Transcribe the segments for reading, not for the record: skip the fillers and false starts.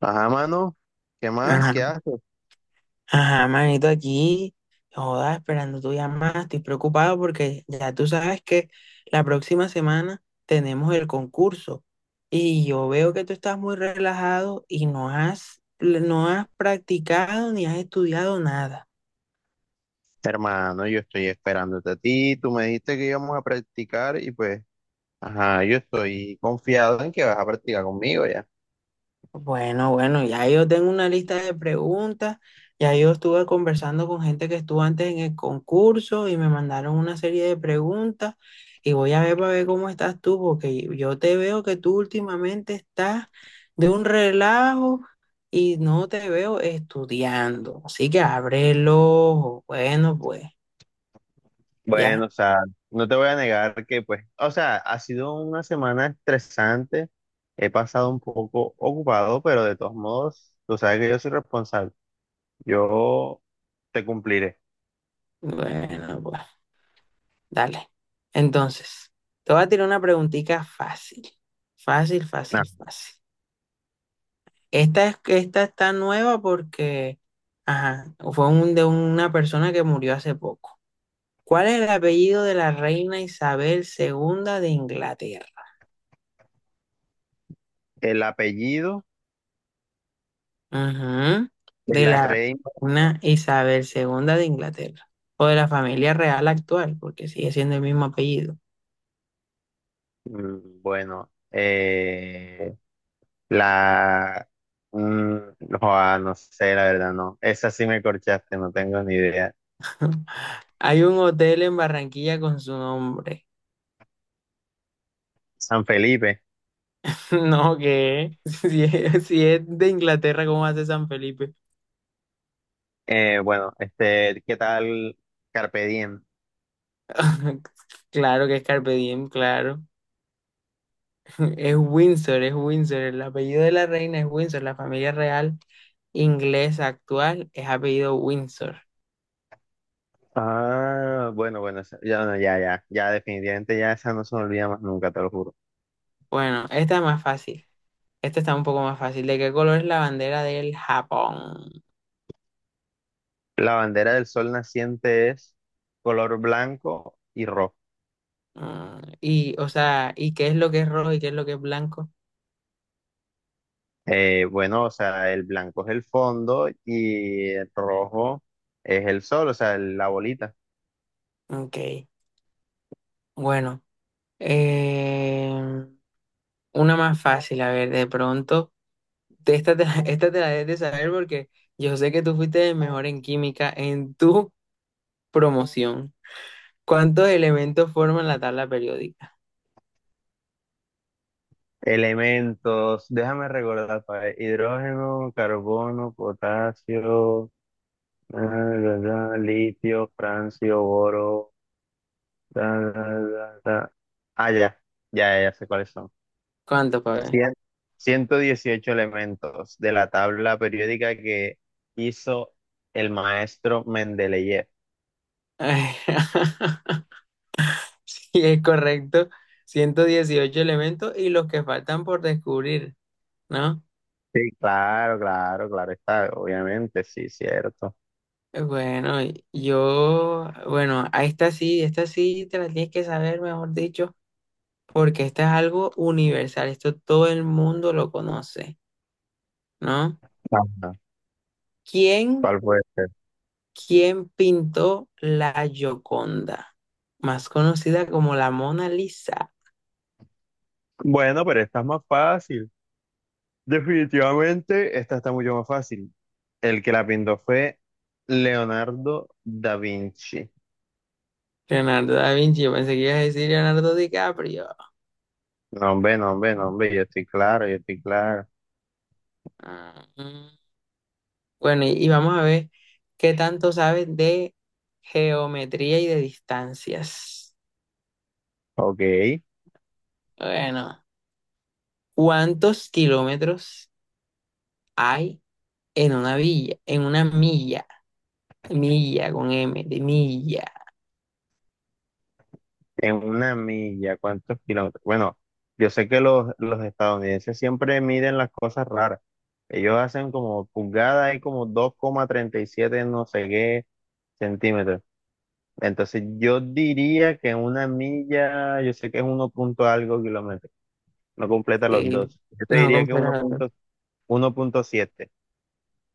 Ajá, mano, ¿qué más? Ajá, ¿Qué haces? ajá, manito, aquí, joda, esperando tu llamada, estoy preocupado porque ya tú sabes que la próxima semana tenemos el concurso y yo veo que tú estás muy relajado y no has practicado ni has estudiado nada. Hermano, yo estoy esperándote a ti. Tú me dijiste que íbamos a practicar y pues, ajá, yo estoy confiado en que vas a practicar conmigo ya. Bueno, bueno, ya yo tengo una lista de preguntas, ya yo estuve conversando con gente que estuvo antes en el concurso y me mandaron una serie de preguntas y voy a ver para ver cómo estás tú, porque yo te veo que tú últimamente estás de un relajo y no te veo estudiando, así que abre el ojo. Bueno, pues, ya, Bueno, o sea, no te voy a negar que pues, o sea, ha sido una semana estresante. He pasado un poco ocupado, pero de todos modos, tú sabes que yo soy responsable. Yo te cumpliré. bueno, pues, dale. Entonces, te voy a tirar una preguntita fácil, fácil, Ah, fácil, fácil. Esta está nueva porque, ajá, de una persona que murió hace poco. ¿Cuál es el apellido de la reina Isabel II de Inglaterra? el apellido Ujú, de de la la reina, reina Isabel II de Inglaterra. O de la familia real actual, porque sigue siendo el mismo apellido. Bueno, la... mm, joa, no sé, la verdad, no. Esa sí me corchaste, no tengo ni idea. Hay un hotel en Barranquilla con su nombre. San Felipe. No, ¿qué? Si es de Inglaterra, ¿cómo hace San Felipe? Bueno, este, ¿qué tal Carpe Diem? Claro que es Carpe Diem, claro. Es Windsor, es Windsor. El apellido de la reina es Windsor. La familia real inglesa actual es apellido Windsor. Ah, bueno, bueno, esa- ya, no, ya, ya, ya, definitivamente ya esa no se me olvida más nunca, te lo juro. Bueno, esta es más fácil. Esta está un poco más fácil. ¿De qué color es la bandera del Japón? La bandera del sol naciente es color blanco y rojo. Mm, y, o sea, ¿y qué es lo que es rojo y qué es lo que es blanco? Bueno, o sea, el blanco es el fondo y el rojo es el sol, o sea, el- la bolita. Ok, bueno. eh, una más fácil, a ver, de pronto. De Esta te, la- Esta te la debes de saber porque yo sé que tú fuiste el mejor en química en tu promoción. ¿Cuántos elementos forman la tabla periódica? Elementos, déjame recordar, pa' ver, hidrógeno, carbono, potasio, da, da, da, litio, francio, boro, da, da, da, da. Ah, ya, ya, ya sé cuáles son. ¿Cuántos, pa' ver? Cien- 118 elementos de la tabla periódica que hizo el maestro Mendeleev. Sí es correcto, 118 elementos y los que faltan por descubrir, ¿no? Sí, claro, claro, claro está, obviamente, sí, cierto. Bueno, bueno, a esta sí te la tienes que saber, mejor dicho, porque esta es algo universal, esto todo el mundo lo conoce, ¿no? Ajá. ¿Quién, ¿Cuál puede ser? quién pintó la Gioconda, más conocida como la Mona Lisa? Bueno, pero esta es más fácil. Definitivamente, esta está mucho más fácil. El que la pintó fue Leonardo da Vinci. Leonardo da Vinci, yo pensé que ibas a decir Leonardo DiCaprio. No, hombre, no, hombre, no, hombre, yo estoy claro, yo estoy claro. Ah, mm. Bueno, y vamos a ver qué tanto sabes de geometría y de distancias. Ok, en Bueno, ¿cuántos kilómetros hay en una villa? En una milla, milla con M, de milla. una milla, ¿cuántos kilómetros? Bueno, yo sé que los estadounidenses siempre miden las cosas raras. Ellos hacen como pulgadas y como dos coma treinta y siete no sé qué centímetros. Entonces yo diría que en una milla, yo sé que es uno punto algo kilómetros. No completa los de- dos. Yo te No, diría que uno completamente. uno punto punto siete,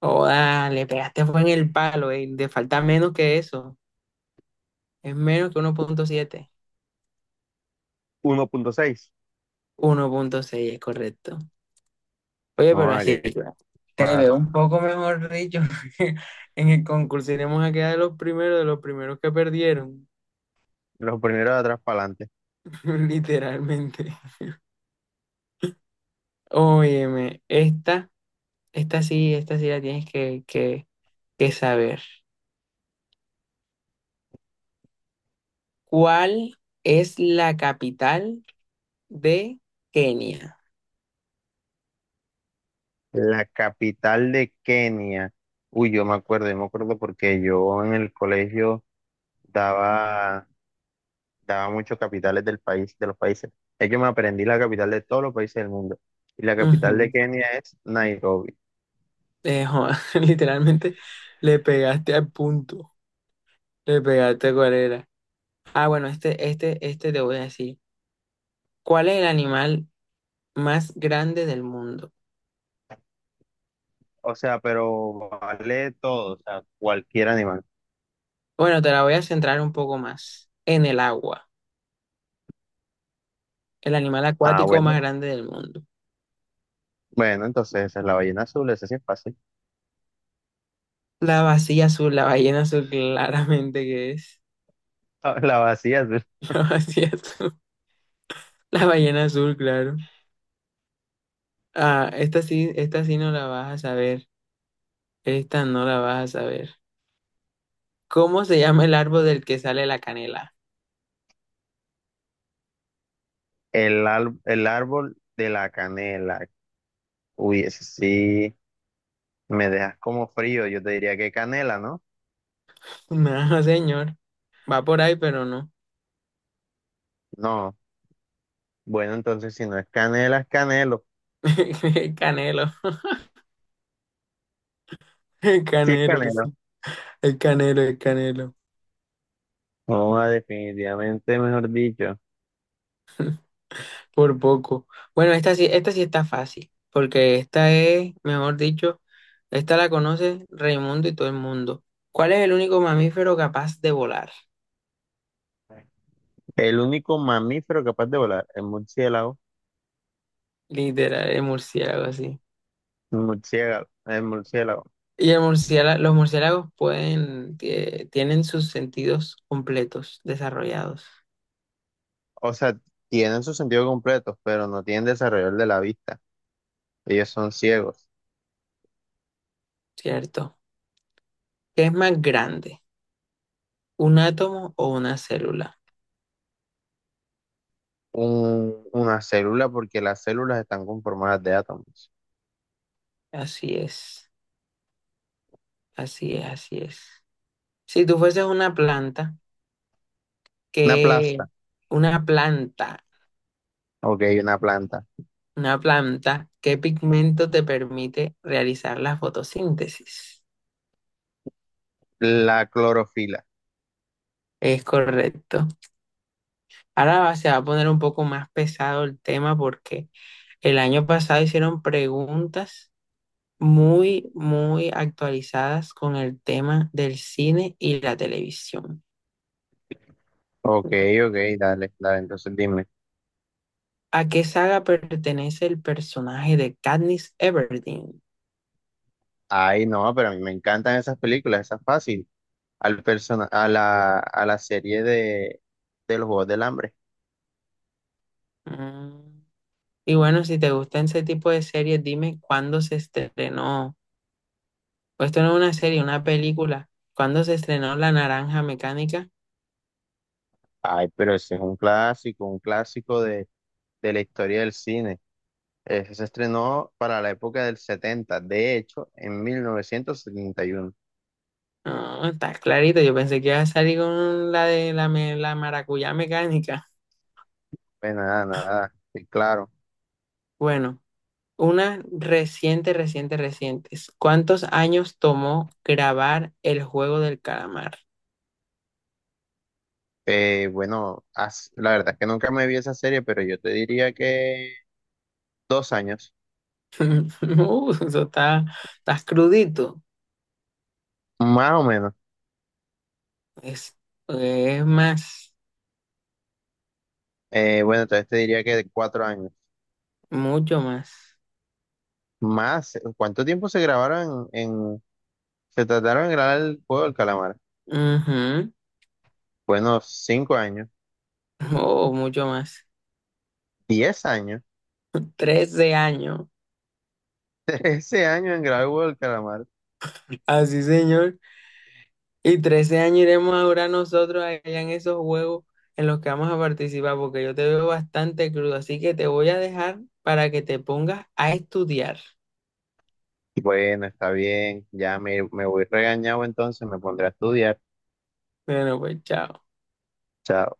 Oh, dale, pegaste fue en el palo, te falta menos que eso. Es menos que uno. 1,7. uno punto seis. 1,6, es correcto. Oye, No, pero ah, así que te veo claro. un poco mejor dicho. En el concurso iremos a quedar de los primeros que perdieron, Los primeros de atrás para adelante. literalmente. Óyeme, esta, esta sí la tienes que saber. ¿Cuál es la capital de Kenia? La capital de Kenia. Uy, yo me acuerdo porque yo en el colegio daba, daba muchos capitales del país, de los países. Es que me aprendí la capital de todos los países del mundo. Y la capital de Ujú. Kenia es Nairobi. Joda, literalmente le pegaste al punto. Le pegaste cuál era. Ah, bueno, este te voy a decir. ¿Cuál es el animal más grande del mundo? O sea, pero vale todo, o sea, cualquier animal. Bueno, te la voy a centrar un poco más en el agua, el animal Ah, acuático bueno. más grande del mundo. Bueno, entonces esa es la ballena azul, ese sí es fácil. La vacía azul, la ballena azul, claramente que es. La vacía, La vacía azul, la ballena azul, claro. Ah, esta sí no la vas a saber. Esta no la vas a saber. ¿Cómo se llama el árbol del que sale la canela? el, al- el árbol de la canela. Uy, ese sí me dejas como frío. Yo te diría que canela, ¿no? No, señor. Va por ahí, pero no. No. Bueno, entonces si no es canela, es canelo. El canelo, el Sí es canelo, canelo. sí. El canelo, el canelo. No, ah, definitivamente, mejor dicho. Por poco. Bueno, esta sí está fácil, porque esta es, mejor dicho, esta la conoce Raimundo y todo el mundo. ¿Cuál es el único mamífero capaz de volar? El único mamífero capaz de volar, el murciélago. Literal, el murciélago, así. El murciélago, el murciélago. Y los murciélagos pueden, tienen sus sentidos completos, desarrollados, O sea, tienen su sentido completo, pero no tienen desarrollo el de la vista. Ellos son ciegos. ¿cierto? ¿Qué es más grande? ¿Un átomo o una célula? Una célula, porque las células están conformadas de átomos. Así es, así es, así es. Si tú fueses una planta, Una ¿qué, planta. una planta. Ok, una planta. Una planta, ¿qué pigmento te permite realizar la fotosíntesis? La clorofila. Es correcto. Ahora se va a poner un poco más pesado el tema porque el año pasado hicieron preguntas muy, muy actualizadas con el tema del cine y la televisión. Ok, ok, dale, dale, entonces dime. ¿A qué saga pertenece el personaje de Katniss Everdeen? Ay, no, pero a mí me encantan esas películas, esas fácil. Al persona, a la serie de los Juegos del Hambre. Mm. Y bueno, si te gustan ese tipo de series, dime cuándo se estrenó. Pues esto no es una serie, una película. ¿Cuándo se estrenó La Naranja Mecánica? Ay, pero ese es un clásico de la historia del cine. Ese se estrenó para la época del 70, de hecho, en 1971. No, está clarito. Yo pensé que iba a salir con la de la, la maracuyá mecánica. Pues nada, nada, sí, claro. Bueno, una reciente, reciente, reciente. ¿Cuántos años tomó grabar El Juego del Calamar? Bueno, la verdad es que nunca me vi esa serie, pero yo te diría que dos años, Eso está crudito. más o menos. Es, es más, Bueno, entonces te diría que de cuatro años. mucho más. Más, ¿cuánto tiempo se grabaron se trataron de grabar el juego del calamar? Ujú. Bueno, cinco años, Oh, mucho más. diez años, 13 años. trece años en grabar el juego del calamar. Así, señor. Y 13 años iremos a durar nosotros allá en esos juegos en los que vamos a participar, porque yo te veo bastante crudo, así que te voy a dejar para que te pongas a estudiar. Bueno, está bien, me voy regañado entonces, me pondré a estudiar. Bueno, pues chao. Chao.